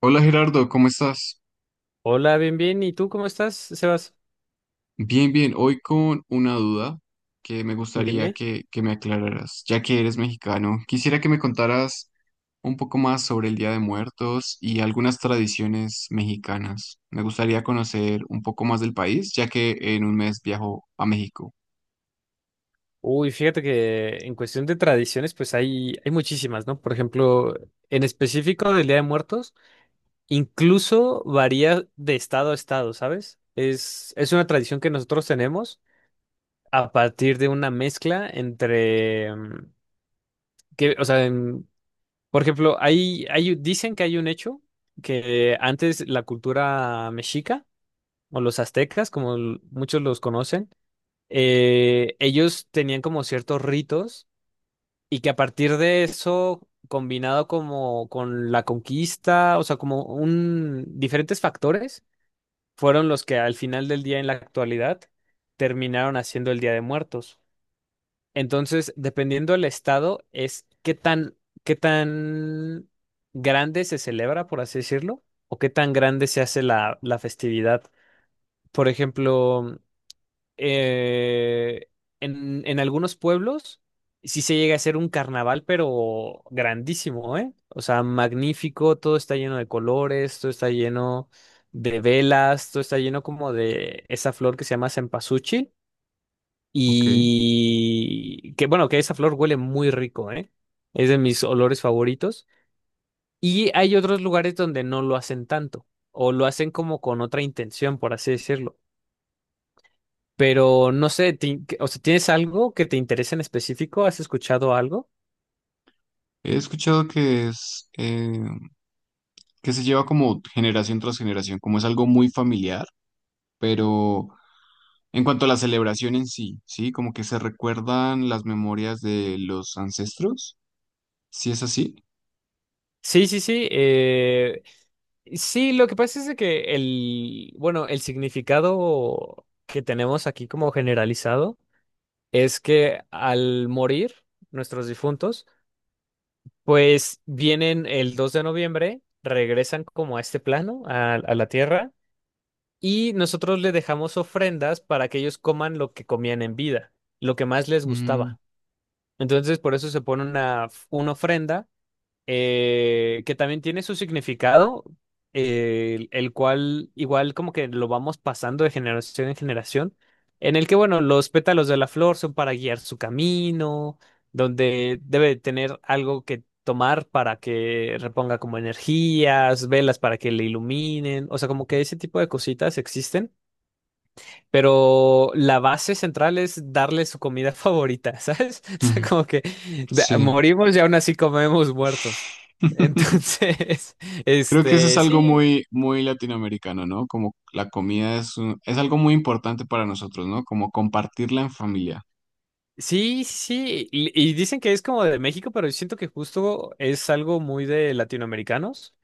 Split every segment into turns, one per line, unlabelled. Hola Gerardo, ¿cómo estás?
Hola, bien, bien. ¿Y tú cómo estás, Sebas?
Bien, bien. Hoy con una duda que, me gustaría
Dime.
que me aclararas, ya que eres mexicano. Quisiera que me contaras un poco más sobre el Día de Muertos y algunas tradiciones mexicanas. Me gustaría conocer un poco más del país, ya que en un mes viajo a México.
Uy, fíjate que en cuestión de tradiciones, pues hay muchísimas, ¿no? Por ejemplo, en específico del Día de Muertos, incluso varía de estado a estado, ¿sabes? Es una tradición que nosotros tenemos a partir de una mezcla entre, que, o sea, por ejemplo, dicen que hay un hecho que antes la cultura mexica o los aztecas, como muchos los conocen, ellos tenían como ciertos ritos y que a partir de eso, combinado como con la conquista, o sea, como un diferentes factores, fueron los que al final del día en la actualidad terminaron haciendo el Día de Muertos. Entonces, dependiendo del estado, es qué tan grande se celebra, por así decirlo, o qué tan grande se hace la festividad. Por ejemplo, eh, en algunos pueblos sí se llega a hacer un carnaval, pero grandísimo, ¿eh? O sea, magnífico, todo está lleno de colores, todo está lleno de velas, todo está lleno como de esa flor que se llama cempasúchil
Ok.
y que bueno, que esa flor huele muy rico, ¿eh? Es de mis olores favoritos. Y hay otros lugares donde no lo hacen tanto, o lo hacen como con otra intención, por así decirlo. Pero no sé, o sea, ¿tienes algo que te interese en específico? ¿Has escuchado algo?
He escuchado que es que se lleva como generación tras generación, como es algo muy familiar, pero en cuanto a la celebración en sí, ¿sí? Como que se recuerdan las memorias de los ancestros, ¿sí es así?
Sí, sí, sí. Sí, lo que pasa es de que bueno, el significado que tenemos aquí como generalizado es que al morir nuestros difuntos, pues vienen el 2 de noviembre, regresan como a este plano, a la tierra, y nosotros le dejamos ofrendas para que ellos coman lo que comían en vida, lo que más les
Mm,
gustaba. Entonces, por eso se pone una ofrenda que también tiene su significado, el cual igual como que lo vamos pasando de generación en generación, en el que, bueno, los pétalos de la flor son para guiar su camino, donde debe tener algo que tomar para que reponga como energías, velas para que le iluminen, o sea, como que ese tipo de cositas existen. Pero la base central es darle su comida favorita, ¿sabes? O sea,
ujú,
como que
sí.
morimos y aún así comemos muertos. Entonces,
Creo que eso es algo
sí,
muy, muy latinoamericano, ¿no? Como la comida es, es algo muy importante para nosotros, ¿no? Como compartirla en familia.
sí, sí. Y dicen que es como de México, pero yo siento que justo es algo muy de latinoamericanos.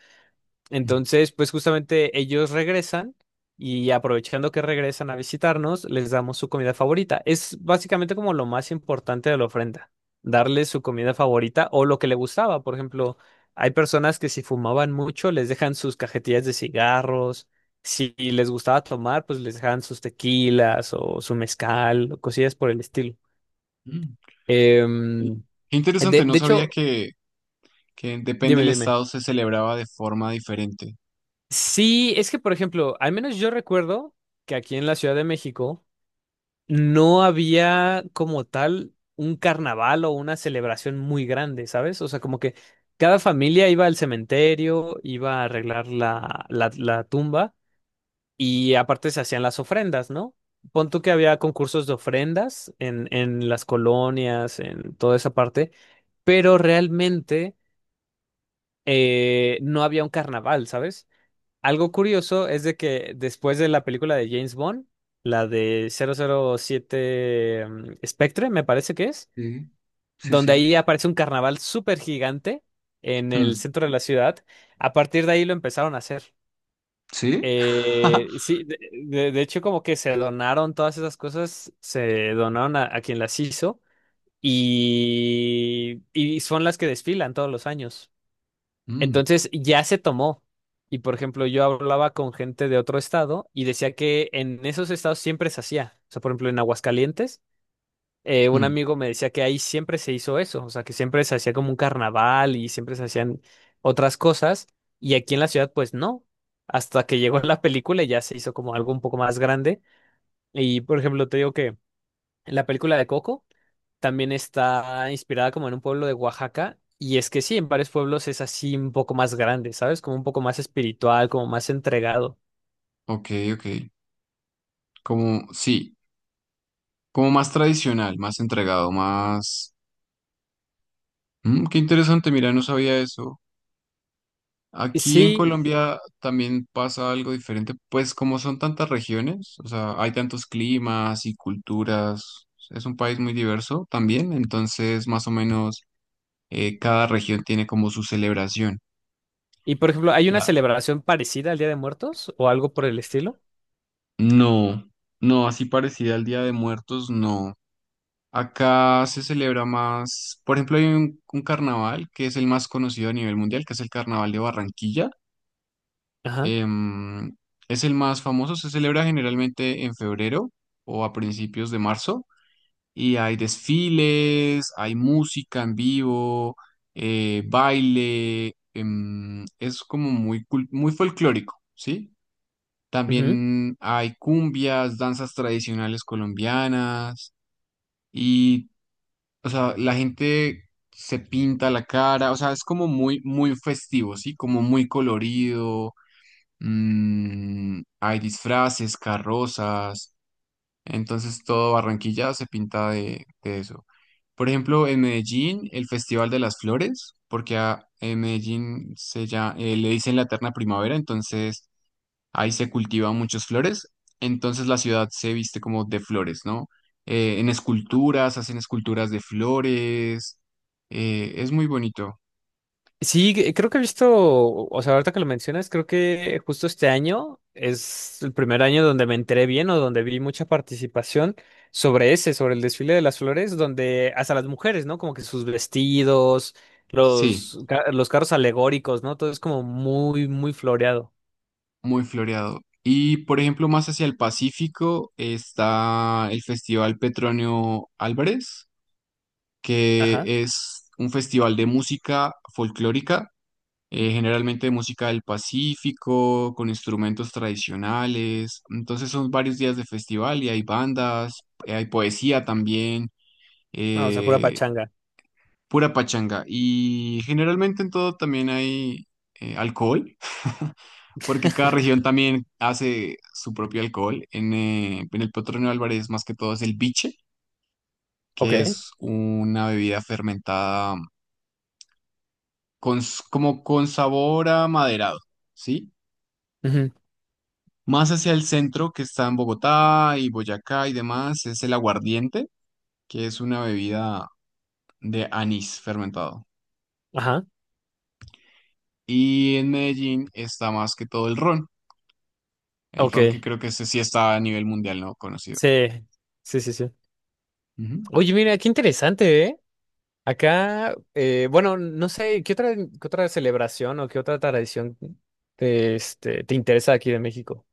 Mm.
Entonces, pues justamente ellos regresan y aprovechando que regresan a visitarnos, les damos su comida favorita. Es básicamente como lo más importante de la ofrenda, darles su comida favorita o lo que le gustaba. Por ejemplo, hay personas que si fumaban mucho, les dejan sus cajetillas de cigarros. Si les gustaba tomar, pues les dejan sus tequilas o su mezcal o cosillas por el estilo.
Mm. Y-
Em,
Qué interesante,
de,
no
de
sabía
hecho,
que depende
dime,
del
dime.
estado se celebraba de forma diferente.
Sí, es que, por ejemplo, al menos yo recuerdo que aquí en la Ciudad de México no había como tal un carnaval o una celebración muy grande, ¿sabes? O sea, como que cada familia iba al cementerio, iba a arreglar la tumba y aparte se hacían las ofrendas, ¿no? Pon tú que había concursos de ofrendas en las colonias, en toda esa parte, pero realmente no había un carnaval, ¿sabes? Algo curioso es de que después de la película de James Bond, la de 007, Spectre, me parece que es,
Sí, sí,
donde
sí.
ahí aparece un carnaval súper gigante en el
Mm.
centro de la ciudad, a partir de ahí lo empezaron a hacer.
¿Sí?
Sí, de hecho como que se donaron todas esas cosas, se donaron a quien las hizo y son las que desfilan todos los años.
Mm,
Entonces ya se tomó. Y por ejemplo, yo hablaba con gente de otro estado y decía que en esos estados siempre se hacía. O sea, por ejemplo, en Aguascalientes, un
mm.
amigo me decía que ahí siempre se hizo eso. O sea, que siempre se hacía como un carnaval y siempre se hacían otras cosas. Y aquí en la ciudad, pues no. Hasta que llegó la película y ya se hizo como algo un poco más grande. Y por ejemplo, te digo que en la película de Coco también está inspirada como en un pueblo de Oaxaca. Y es que sí, en varios pueblos es así un poco más grande, ¿sabes? Como un poco más espiritual, como más entregado.
Ok, ok. Como, sí, como más tradicional, más entregado, más... Mm, qué interesante, mira, no sabía eso.
Y
Aquí en
sí,
Colombia también pasa algo diferente, pues como son tantas regiones, o sea, hay tantos climas y culturas, es un país muy diverso también, entonces más o menos cada región tiene como su celebración.
y por ejemplo, ¿hay una
La...
celebración parecida al Día de Muertos o algo por el estilo?
No, no, así parecida al Día de Muertos, no. Acá se celebra más, por ejemplo, hay un carnaval que es el más conocido a nivel mundial, que es el Carnaval de Barranquilla.
Ajá.
Em, es el más famoso, se celebra generalmente en febrero o a principios de marzo y hay desfiles, hay música en vivo, baile, es como muy, muy folclórico, ¿sí? También hay cumbias, danzas tradicionales colombianas. Y o sea, la gente se pinta la cara, o sea, es como muy, muy festivo, ¿sí? Como muy colorido, mm, hay disfraces, carrozas, entonces todo Barranquilla se pinta de eso. Por ejemplo, en Medellín, el Festival de las Flores, porque a, en Medellín se ya, le dicen la eterna primavera, entonces ahí se cultivan muchas flores, entonces la ciudad se viste como de flores, ¿no? En esculturas, hacen esculturas de flores, es muy bonito,
Sí, creo que he visto, o sea, ahorita que lo mencionas, creo que justo este año es el primer año donde me enteré bien o donde vi mucha participación sobre ese, sobre el desfile de las flores, donde hasta las mujeres, ¿no? Como que sus vestidos,
sí,
los carros alegóricos, ¿no? Todo es como muy, muy floreado.
muy floreado. Y por ejemplo, más hacia el Pacífico está el Festival Petronio Álvarez,
Ajá.
que es un festival de música folclórica, generalmente música del Pacífico, con instrumentos tradicionales. Entonces son varios días de festival y hay bandas, hay poesía también,
Ah, o sea, pura
eh,
pachanga.
pura pachanga. Y generalmente en todo también hay alcohol, porque cada región también hace su propio alcohol. En el Petronio Álvarez más que todo es el biche, que
Ok.
es una bebida fermentada con, como con sabor a maderado. ¿Sí?
Ujú.
Más hacia el centro, que está en Bogotá y Boyacá y demás, es el aguardiente, que es una bebida de anís fermentado.
Ajá.
Y en Medellín está más que todo el ron que
Ok.
creo que ese sí está a nivel mundial, ¿no? Conocido.
Sí. Sí, sí, sí.
Ujú.
Oye, mira, qué interesante, ¿eh? Acá, bueno, no sé, qué otra celebración o qué otra tradición te, te interesa aquí de México?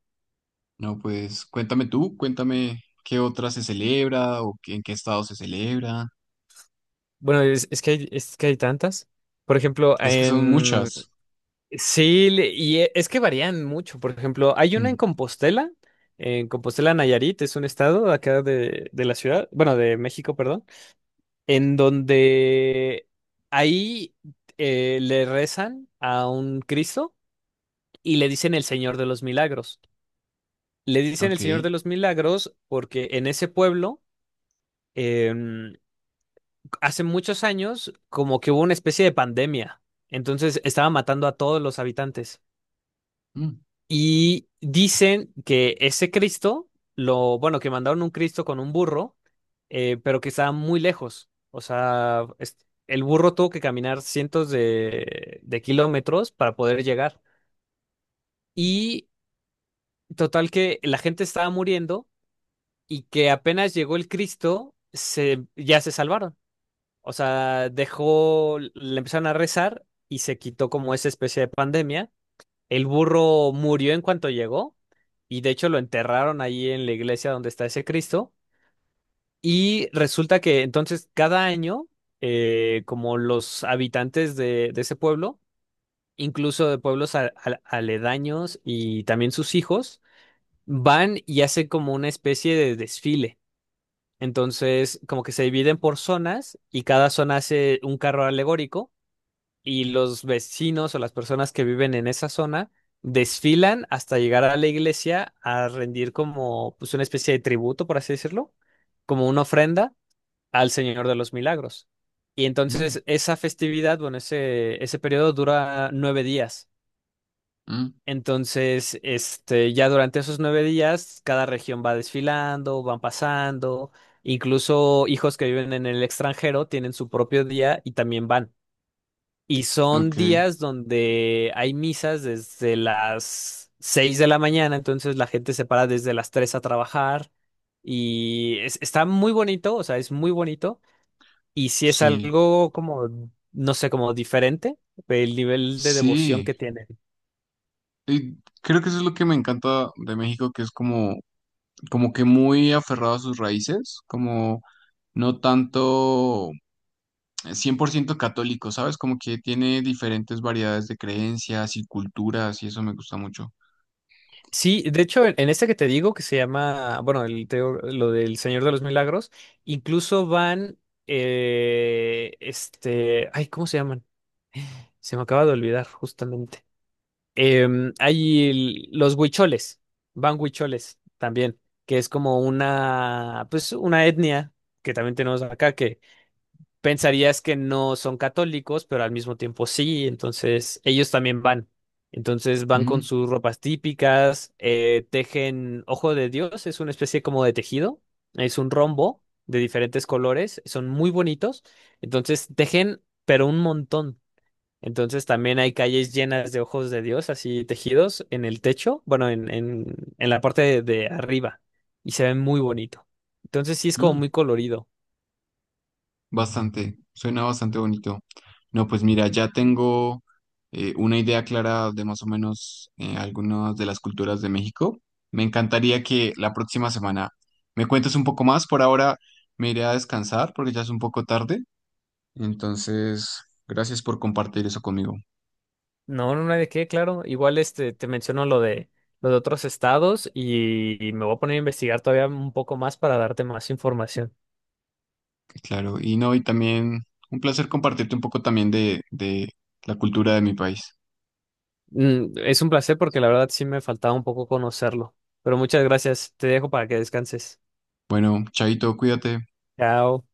No, pues cuéntame tú, cuéntame qué otra se celebra en qué estado se celebra.
Bueno, es que hay tantas. Por ejemplo,
Es que son
en...
muchas.
Sí, es que varían mucho. Por ejemplo, hay una
Mm,
En Compostela Nayarit, es un estado acá de la ciudad, bueno, de México, perdón, en donde ahí le rezan a un Cristo y le dicen el Señor de los Milagros. Le dicen el
ok.
Señor de los Milagros porque en ese pueblo, em, hace muchos años, como que hubo una especie de pandemia. Entonces estaba matando a todos los habitantes.
Mm,
Y dicen que ese Cristo, bueno, que mandaron un Cristo con un burro, pero que estaba muy lejos. O sea, el burro tuvo que caminar cientos de kilómetros para poder llegar. Y total que la gente estaba muriendo y que apenas llegó el Cristo, ya se salvaron. O sea, dejó, le empezaron a rezar y se quitó como esa especie de pandemia. El burro murió en cuanto llegó y de hecho lo enterraron ahí en la iglesia donde está ese Cristo. Y resulta que entonces cada año, como los habitantes de ese pueblo, incluso de pueblos aledaños y también sus hijos, van y hacen como una especie de desfile. Entonces, como que se dividen por zonas y cada zona hace un carro alegórico y los vecinos o las personas que viven en esa zona desfilan hasta llegar a la iglesia a rendir como pues una especie de tributo, por así decirlo, como una ofrenda al Señor de los Milagros. Y
mm,
entonces esa festividad, bueno, ese periodo dura 9 días.
mm,
Entonces, ya durante esos 9 días, cada región va desfilando, van pasando, incluso hijos que viven en el extranjero tienen su propio día y también van. Y
ok.
son días donde hay misas desde las 6 de la mañana, entonces la gente se para desde las 3 a trabajar y está muy bonito, o sea, es muy bonito y si es
Sí.
algo como, no sé, como diferente, el nivel de devoción que
Sí.
tiene.
Y creo que eso es lo que me encanta de México, que es como como que muy aferrado a sus raíces, como no tanto 100% católico, ¿sabes? Como que tiene diferentes variedades de creencias y culturas y eso me gusta mucho.
Sí, de hecho, en este que te digo, que se llama, bueno, el, te digo, lo del Señor de los Milagros, incluso van, ay, ¿cómo se llaman? Se me acaba de olvidar, justamente. Hay los huicholes, van huicholes también, que es como una, pues, una etnia que también tenemos acá, pensarías que no son católicos, pero al mismo tiempo sí, entonces ellos también van. Entonces van con
Mm,
sus ropas típicas, tejen ojo de Dios, es una especie como de tejido, es un rombo de diferentes colores, son muy bonitos, entonces tejen, pero un montón. Entonces también hay calles llenas de ojos de Dios, así tejidos en el techo, bueno, en la parte de arriba, y se ven muy bonito. Entonces sí es como
mm,
muy colorido.
bastante, suena bastante bonito. No, pues mira, ya tengo una idea clara de más o menos algunas de las culturas de México. Me encantaría que la próxima semana me cuentes un poco más. Por ahora me iré a descansar porque ya es un poco tarde. Entonces, gracias por compartir eso conmigo.
No, no hay de qué, claro. Igual este te menciono lo de otros estados y me voy a poner a investigar todavía un poco más para darte más información.
Claro, y no, y también un placer compartirte un poco también de la cultura de mi país.
Mm, es un placer porque la verdad sí me faltaba un poco conocerlo. Pero muchas gracias. Te dejo para que descanses.
Bueno, Chaito, cuídate.
Chao.